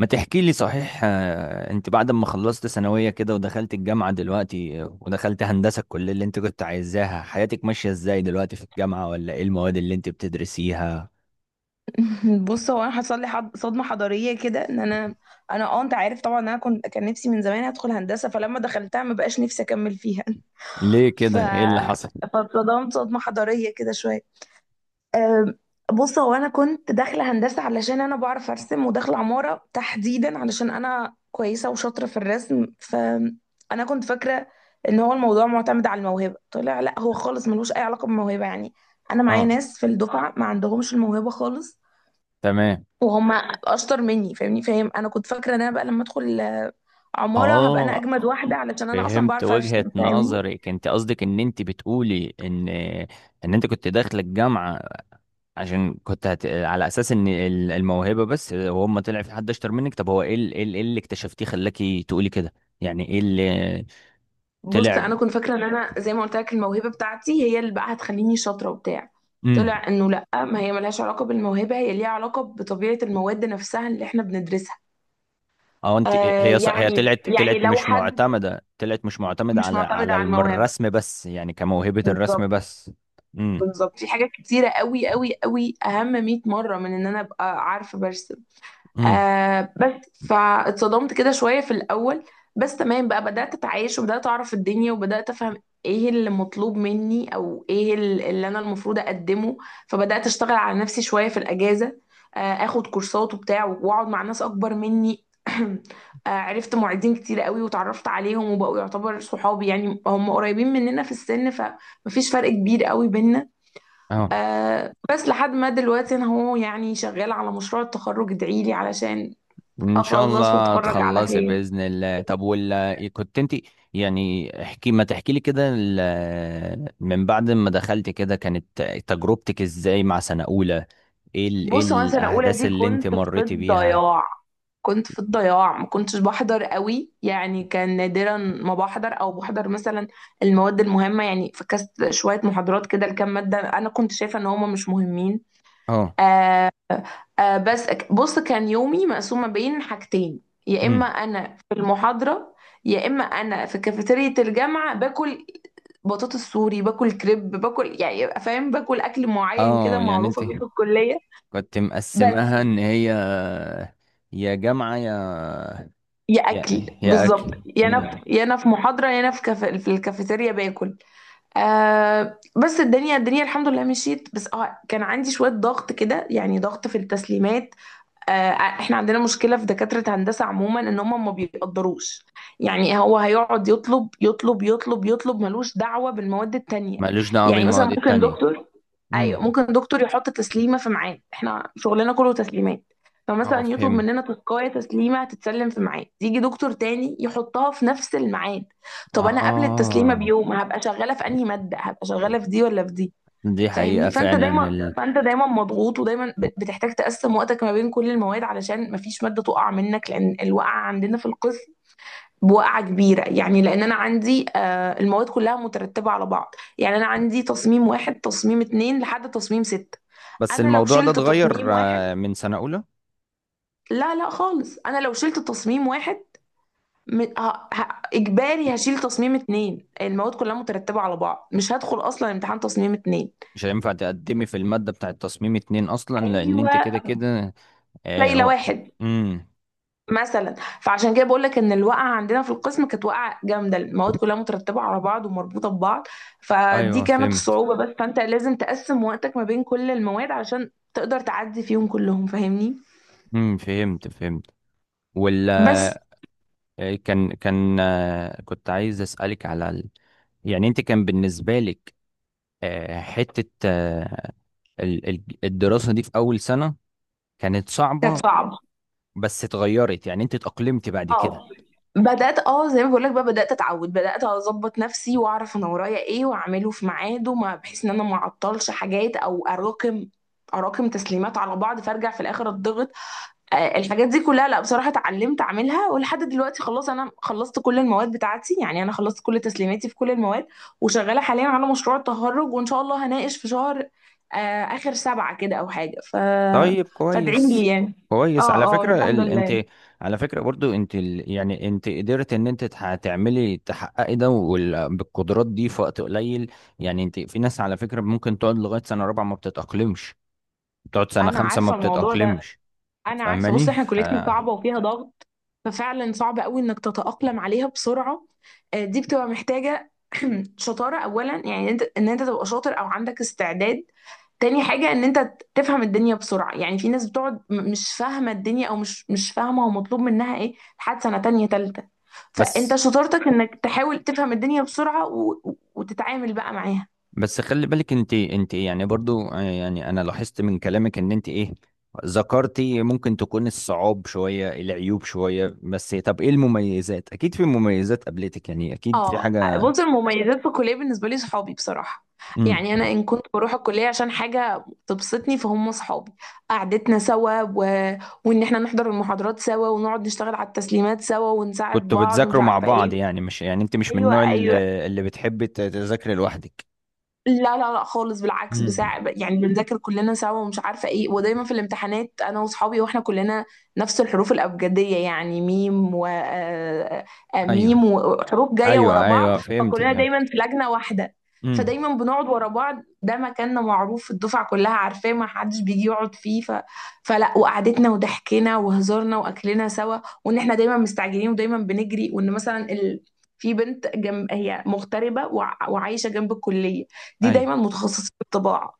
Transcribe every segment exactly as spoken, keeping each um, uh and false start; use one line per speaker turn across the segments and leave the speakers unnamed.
ما تحكي لي صحيح، آه، انت بعد ما خلصت ثانوية كده ودخلت الجامعة دلوقتي، آه، ودخلت هندسة الكلية اللي انت كنت عايزاها، حياتك ماشية ازاي دلوقتي في الجامعة؟ ولا ايه المواد اللي انت بتدرسيها؟
بص، هو انا حصل لي حض... صدمه حضاريه كده، ان انا انا اه انت عارف طبعا إن انا كنت كان نفسي من زمان ادخل هندسه، فلما دخلتها ما بقاش نفسي اكمل فيها.
ليه
ف
كده؟ ايه اللي حصل؟
فاتصدمت صدمه حضاريه كده شويه. أم، بص، هو انا كنت داخله هندسه علشان انا بعرف ارسم، وداخله عماره تحديدا علشان انا كويسه وشاطره في الرسم. فانا كنت فاكره ان هو الموضوع معتمد على الموهبه. طلع لا، هو خالص ملوش اي علاقه بالموهبه. يعني انا معايا
اه،
ناس في الدفعه ما عندهمش الموهبه خالص
تمام.
وهم اشطر مني. فاهمني؟ فاهم انا كنت فاكره ان انا بقى لما ادخل عماره هبقى انا
اه،
اجمد واحده علشان انا اصلا
فهمت
بعرف
وجهة
ارسم. فاهمني؟
نظرك. انت قصدك ان انت بتقولي ان ان انت كنت داخله الجامعة عشان كنت هت... على اساس ان ال- الموهبه بس، هو اما طلع في حد اشطر منك. طب هو ايه ال- ايه ال- إيه اللي اكتشفتيه خلاكي تقولي كده؟ يعني ايه اللي
بص،
طلع؟
انا كنت فاكره ان انا، زي ما قلت لك، الموهبه بتاعتي هي اللي بقى هتخليني شاطره وبتاع.
امم،
طلع انه لا، ما هي ملهاش علاقه بالموهبه، هي ليها علاقه بطبيعه المواد نفسها اللي احنا بندرسها.
اه، انت
آه
هي ص... هي
يعني
طلعت
يعني
طلعت
لو
مش
حد
معتمده، طلعت مش معتمده
مش
على
معتمد
على
على
الم-
الموهبه.
الرسم بس، يعني كموهبه الرسم
بالظبط،
بس. امم
بالظبط. في حاجات كتيره قوي قوي قوي اهم مئة مرة مره من ان انا ابقى عارفه برسم. آه بس فاتصدمت كده شوية في الأول. بس تمام بقى، بدأت أتعايش وبدأت أعرف الدنيا وبدأت أفهم إيه اللي مطلوب مني، أو إيه ال- اللي أنا المفروض أقدمه. فبدأت أشتغل على نفسي شوية في الأجازة، آه آخد كورسات وبتاع وأقعد مع ناس أكبر مني. آه عرفت معيدين كتير قوي وتعرفت عليهم وبقوا يعتبر صحابي. يعني هم قريبين مننا في السن، فمفيش فرق كبير قوي بينا.
امم
آه بس لحد ما دلوقتي انا، هو يعني، شغاله على مشروع التخرج. ادعيلي علشان
ان شاء
اخلص
الله
واتخرج على
تخلصي
خير.
باذن الله. طب، ولا كنت انت، يعني احكي، ما تحكي لي كده، ال- من بعد ما دخلت كده كانت تجربتك ازاي مع سنه اولى؟ ايه ال... ايه
بص، هو انا سنه اولى
الاحداث
دي
اللي انت
كنت في
مريتي بيها؟
الضياع. كنت في الضياع، ما كنتش بحضر قوي. يعني كان نادرا ما بحضر، او بحضر مثلا المواد المهمه. يعني فكست شويه محاضرات كده لكام ماده انا كنت شايفه ان هما مش مهمين.
اه،
آه آه بس أك- بص، كان يومي مقسوم ما بين حاجتين. يا اما
امم،
انا في المحاضره، يا اما انا في كافيتيريا الجامعه باكل. بطاطس سوري باكل، كريب باكل، يعني يبقى فاهم، باكل اكل معين كده
اه، يعني
معروفه
انت
بيه في الكليه.
كنت
بس.
مقسمها ان هي يا جامعه يا
يا
يا
اكل
يا
بالظبط.
اكل.
يا انا في
مم.
يا انا في محاضره، يا انا في كف... في الكافيتيريا باكل. آه بس الدنيا الدنيا الحمد لله مشيت. بس اه كان عندي شويه ضغط كده، يعني ضغط في التسليمات. آه، آه، احنا عندنا مشكلة في دكاترة هندسة عموما، ان هم ما بيقدروش. يعني هو هيقعد يطلب يطلب يطلب يطلب، ملوش دعوة بالمواد التانية.
مالوش دعوه
يعني مثلا
بالمواد
ممكن
التانية.
دكتور.
امم،
ايوه، ممكن دكتور يحط تسليمة في ميعاد. احنا شغلنا كله تسليمات.
اه،
فمثلا يطلب
فهمت.
مننا تسكاية تسليمة هتتسلم في ميعاد، يجي دكتور تاني يحطها في نفس الميعاد. طب انا قبل التسليمة
اه،
بيوم هبقى شغالة في انهي مادة؟ هبقى شغالة في دي ولا في دي؟
دي
فاهمني.
حقيقة
فانت
فعلا.
دايما فانت دايما مضغوط، ودايما ب- بتحتاج تقسم وقتك ما بين كل المواد علشان ما فيش ماده تقع منك، لان الوقعه عندنا في القسم بوقعه كبيره. يعني لان انا عندي، آه، المواد كلها مترتبه على بعض. يعني انا عندي تصميم واحد، تصميم اتنين، لحد تصميم ستة.
بس
انا لو
الموضوع ده
شلت تصميم
اتغير
واحد،
آه، من سنة أولى.
لا لا خالص، انا لو شلت تصميم واحد م... ه... ه... اجباري هشيل تصميم اتنين. المواد كلها مترتبه على بعض، مش هدخل اصلا امتحان تصميم اتنين.
مش هينفع تقدمي في المادة بتاعة تصميم اتنين أصلا لأن
ايوه،
أنت كده كده. آه،
شايله
و-
واحد
امم،
مثلا. فعشان كده بقول لك ان الوقعه عندنا في القسم كانت وقعه جامده. المواد كلها مترتبه على بعض ومربوطه ببعض. فدي
أيوه،
كانت
فهمت.
الصعوبه بس. فانت لازم تقسم وقتك ما بين كل المواد علشان تقدر تعدي فيهم كلهم. فاهمني.
امم، فهمت فهمت. ولا،
بس.
آه، كان كان آه، كنت عايز أسألك على ال... يعني أنت كان بالنسبة لك، آه، حتة، آه، ال- ال- الدراسة دي في أول سنة كانت
كانت
صعبة.
صعبه.
بس اتغيرت، يعني أنت اتأقلمت بعد كده.
اه بدات، اه زي ما بقول لك بقى، بدات اتعود، بدات اظبط نفسي واعرف انا ورايا ايه واعمله في ميعاده، ما بحيث ان انا ما اعطلش حاجات او اراكم اراكم تسليمات على بعض فارجع في الاخر اتضغط. آه، الحاجات دي كلها، لا بصراحة اتعلمت اعملها، ولحد دلوقتي خلاص انا خلصت كل المواد بتاعتي. يعني انا خلصت كل تسليماتي في كل المواد، وشغالة حاليا على مشروع التخرج، وان شاء الله هناقش في شهر آه، اخر سبعة كده او حاجة. ف
طيب،
فادعي لي
كويس.
يعني.
كويس. على
اه، اه،
فكرة
الحمد
ال... انت،
لله.
على فكرة برضو انت ال... يعني انت قدرت ان انت تح... تعملي، تحققي ده وال... بالقدرات دي في وقت قليل. يعني انت في ناس على فكرة ممكن تقعد لغاية سنة رابعة ما بتتأقلمش، تقعد سنة
انا
خمسة ما
عارفة الموضوع ده،
بتتأقلمش.
انا عارفة. بص،
فاهماني؟
احنا
ف...
كليتنا صعبة وفيها ضغط، ففعلا صعب قوي انك تتأقلم عليها بسرعة. آه، دي بتبقى محتاجة شطارة اولا، يعني انت ان انت تبقى شاطر او عندك استعداد. تاني حاجة ان انت ت- تفهم الدنيا بسرعة. يعني في ناس بتقعد م- مش فاهمة الدنيا، او مش مش فاهمة هو مطلوب منها ايه لحد سنة تانية تالتة. فانت
بس
شطارتك انك تحاول تفهم الدنيا بسرعة و... و- وتتعامل بقى معاها.
بس خلي بالك انت انت إيه، يعني برضو، آه، يعني انا لاحظت من كلامك ان انت ايه ذكرتي. ممكن تكون الصعاب شوية، العيوب شوية، بس طب ايه المميزات؟ اكيد في مميزات قابلتك، يعني اكيد في
اه،
حاجة.
بص، المميزات في الكليه بالنسبه لي صحابي بصراحه.
امم.
يعني انا ان كنت بروح الكليه عشان حاجه تبسطني فهم صحابي. قعدتنا سوا و... وان احنا نحضر المحاضرات سوا، ونقعد نشتغل على التسليمات سوا، ونساعد
كنتوا
بعض ومش
بتذاكروا مع
عارفه
بعض؟
ايه.
يعني مش، يعني انت مش من
ايوه،
النوع ال-
ايوه.
اللي بتحب ت- تذاكري لوحدك؟
لا لا لا خالص، بالعكس
امم،
بساع. يعني بنذاكر كلنا سوا ومش عارفه ايه. ودايما في الامتحانات انا واصحابي واحنا كلنا نفس الحروف الابجديه. يعني ميم و آه، آه، ميم
ايوه
وحروف جايه ورا
ايوه
بعض،
ايوه، فهمت
فكلنا
فهمت.
دايما في لجنه واحده.
امم،
فدايما بنقعد ورا بعض، ده مكاننا معروف، الدفعه كلها عارفاه، ما حدش بيجي يقعد فيه. ف... فلا، وقعدتنا وضحكنا وهزارنا واكلنا سوا. وان احنا دايما مستعجلين ودايما بنجري. وان مثلا ال... في بنت جنب، هي مغتربه وع- وعايشه جنب الكليه، دي
ايوه.
دايما متخصصين في الطباعه،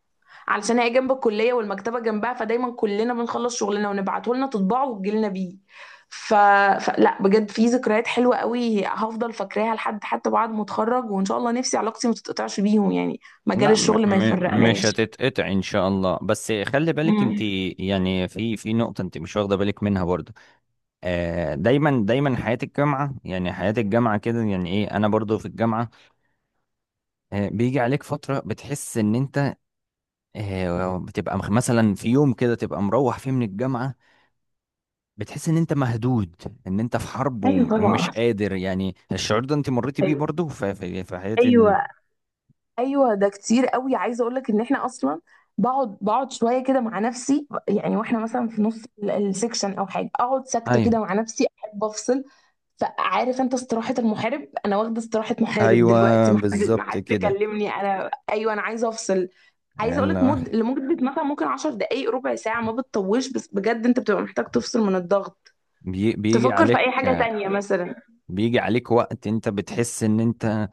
علشان هي جنب الكليه والمكتبه جنبها. فدايما كلنا بنخلص شغلنا ونبعته لنا تطبعه وتجي لنا بيه. ف... فلا، بجد في ذكريات حلوه قوي هفضل فاكراها لحد حتى بعد ما اتخرج. وان شاء الله نفسي علاقتي ما تتقطعش بيهم، يعني مجال
لا، م
الشغل ما
م مش
يفرقناش.
هتتقطع ان شاء الله. بس خلي بالك انت،
امم.
يعني في في نقطة انت مش واخدة بالك منها برضو. آه، دايما دايما حياة الجامعة، يعني حياة الجامعة كده، يعني ايه انا برضو في الجامعة. آه، بيجي عليك فترة بتحس ان انت، آه، بتبقى مخ- مثلا في يوم كده تبقى مروح فيه من الجامعة بتحس ان انت مهدود، ان انت في حرب
ايوه
وم- ومش
طبعا.
قادر. يعني الشعور ده انت مريتي بيه
أيوة.
برضو في في في حياة ال...
أيوة. ايوه ده كتير قوي. عايزه اقول لك ان احنا اصلا بقعد بقعد شويه كده مع نفسي. يعني واحنا مثلا في نص ال- السكشن او حاجه، اقعد ساكته
ايوه،
كده مع نفسي، احب افصل. فعارف انت استراحة المحارب؟ انا واخدة استراحة محارب دلوقتي.
ايوه،
ما حد ما
بالظبط
حد
كده.
يكلمني. انا ايوه، انا عايزة افصل. عايزة اقول
ال-
لك مد لمدة مثلا ممكن 10 دقايق، ربع ساعة، ما بتطولش. بس بجد انت بتبقى محتاج تفصل من الضغط،
بي- بيجي
تفكر في
عليك
اي حاجة تانية مثلا.
بيجي عليك وقت انت بتحس ان انت،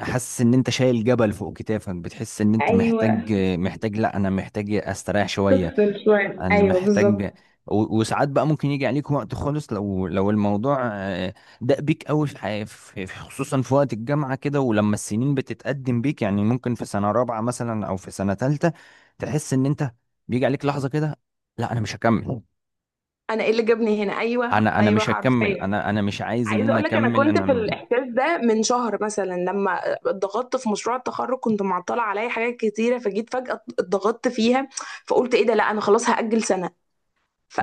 حاسس ان انت شايل جبل فوق كتافك، بتحس ان انت
ايوه،
محتاج، محتاج لا، انا محتاج استريح شوية.
تفصل شوية،
انا
ايوه
محتاج
بالظبط.
و- وساعات بقى ممكن يجي عليك وقت خالص، لو لو الموضوع، آه، داق بيك قوي في حي- في- في- خصوصا في وقت الجامعة كده، ولما السنين بتتقدم بيك، يعني ممكن في سنة رابعة مثلا او في سنة تالتة تحس ان انت بيجي عليك لحظة كده، لا انا مش هكمل،
انا ايه اللي جابني هنا؟ ايوه،
انا انا
ايوه،
مش هكمل،
حرفيا.
انا انا مش عايز ان
عايزه
انا
اقول لك انا
اكمل
كنت في
انا.
الاحساس ده من شهر مثلا، لما اتضغطت في مشروع التخرج. كنت معطله عليا حاجات كتيره، فجيت فجاه اتضغطت فيها. فقلت ايه ده؟ لا، انا خلاص هاجل سنه.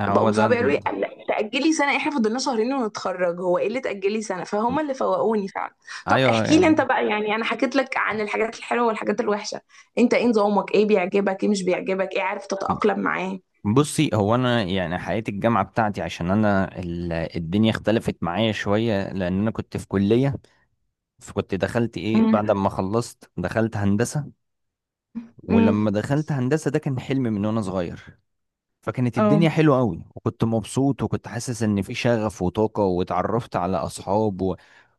هو ده.
صحابي قالوا لي لا، تاجلي سنه؟ احنا فضلنا شهرين ونتخرج، هو ايه اللي تاجلي سنه؟ فهم اللي فوقوني فعلا. طب
ايوه،
احكي لي انت
يعني،
بقى، يعني انا حكيت لك عن الحاجات الحلوه والحاجات الوحشه. انت ايه نظامك؟ ايه بيعجبك؟ ايه مش بيعجبك؟ ايه عارف تتاقلم معاه؟
بصي، هو انا يعني حياة الجامعة بتاعتي، عشان انا ال- الدنيا اختلفت معايا شوية لان انا كنت في كلية، فكنت دخلت ايه،
امم.
بعد ما خلصت دخلت هندسة. ولما
امم.
دخلت هندسة، ده كان حلم من وانا صغير، فكانت
اه.
الدنيا حلوة قوي وكنت مبسوط وكنت حاسس ان في شغف وطاقة واتعرفت على اصحاب و...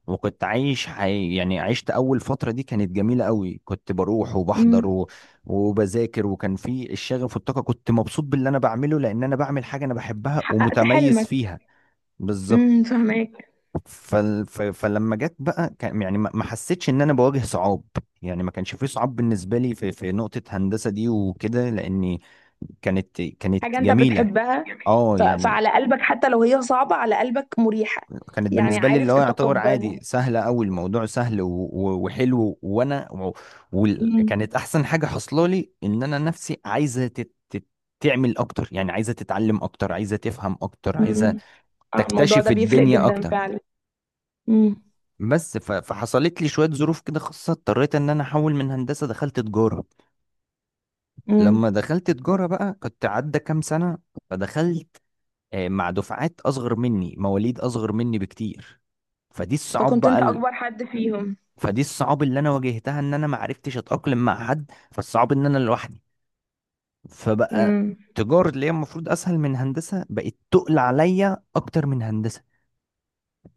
وكنت عايش حي... يعني عشت اول فترة دي كانت جميلة قوي، كنت بروح وبحضر
امم.
و... وبذاكر، وكان في الشغف والطاقة، كنت مبسوط باللي انا بعمله لان انا بعمل حاجة انا بحبها
حققت
ومتميز
حلمك.
فيها. بالظبط.
امم.
فال... ف... فلما جت بقى كان، يعني ما ما حسيتش ان انا بواجه صعاب. يعني ما كانش في صعاب بالنسبة لي في في نقطة هندسة دي وكده، لاني كانت
حاجة
كانت
أنت
جميلة.
بتحبها.
اه
ف...
يعني،
فعلى قلبك، حتى لو هي صعبة، على قلبك مريحة.
كانت
يعني
بالنسبه لي، اللي
عارف
هو يعتبر عادي،
تتقبل.
سهله قوي الموضوع، سهل و- و- وحلو، وانا و-
مم.
وكانت احسن حاجه حصلالي لي، ان انا نفسي عايزه تت... تت- تعمل اكتر، يعني عايزه تتعلم اكتر، عايزه تفهم اكتر، عايزه
مم. آه، الموضوع
تكتشف
ده بيفرق
الدنيا
جدا
اكتر.
فعلا. مم.
بس ف... فحصلت لي شويه ظروف كده خاصه، اضطريت ان انا احول من هندسه، دخلت تجاره.
مم.
لما دخلت تجاره بقى كنت عدى كام سنه، فدخلت، آه، مع دفعات اصغر مني، مواليد اصغر مني بكتير. فدي الصعاب
فكنت أنت
بقى،
أكبر حد فيهم.
فدي الصعوبة اللي انا واجهتها، ان انا ما عرفتش اتأقلم مع حد، فالصعب ان انا لوحدي. فبقى
مم.
تجارة اللي هي المفروض اسهل من هندسة بقت تقل عليا اكتر من هندسة.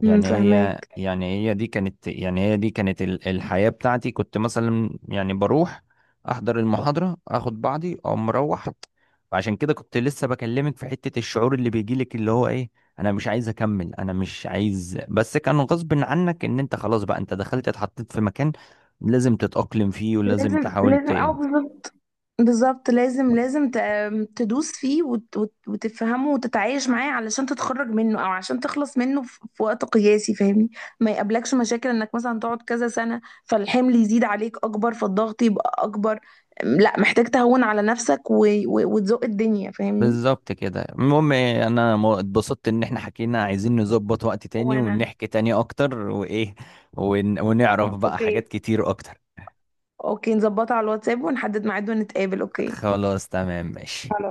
مم.
يعني هي
فهماك.
يعني هي دي كانت يعني هي دي كانت ال- الحياة بتاعتي، كنت مثلا يعني بروح احضر المحاضرة، اخد بعضي او مروح. فعشان كده كنت لسه بكلمك في حتة الشعور اللي بيجيلك اللي هو ايه، انا مش عايز اكمل، انا مش عايز. بس كان غصب عنك ان انت خلاص بقى انت دخلت اتحطيت في مكان لازم تتأقلم فيه ولازم
لازم
تحاول
لازم
ت-
اه بالظبط. بالظبط، لازم لازم ت- تدوس فيه وت- وت- وتفهمه وتتعايش معاه، علشان تتخرج منه او عشان تخلص منه في في وقت قياسي. فاهمني. ما يقابلكش مشاكل انك مثلا تقعد كذا سنة، فالحمل يزيد عليك اكبر، فالضغط يبقى اكبر. لا، محتاج تهون على نفسك و- و- وتزق الدنيا. فاهمني.
بالظبط كده. المهم إيه، انا م- اتبسطت ان احنا حكينا، عايزين نظبط وقت تاني
وانا
ونحكي تاني اكتر، وايه ون... ونعرف بقى
اوكي.
حاجات كتير اكتر.
اوكي، نظبطها على الواتساب ونحدد ميعاد ونتقابل. اوكي.
خلاص، تمام، ماشي.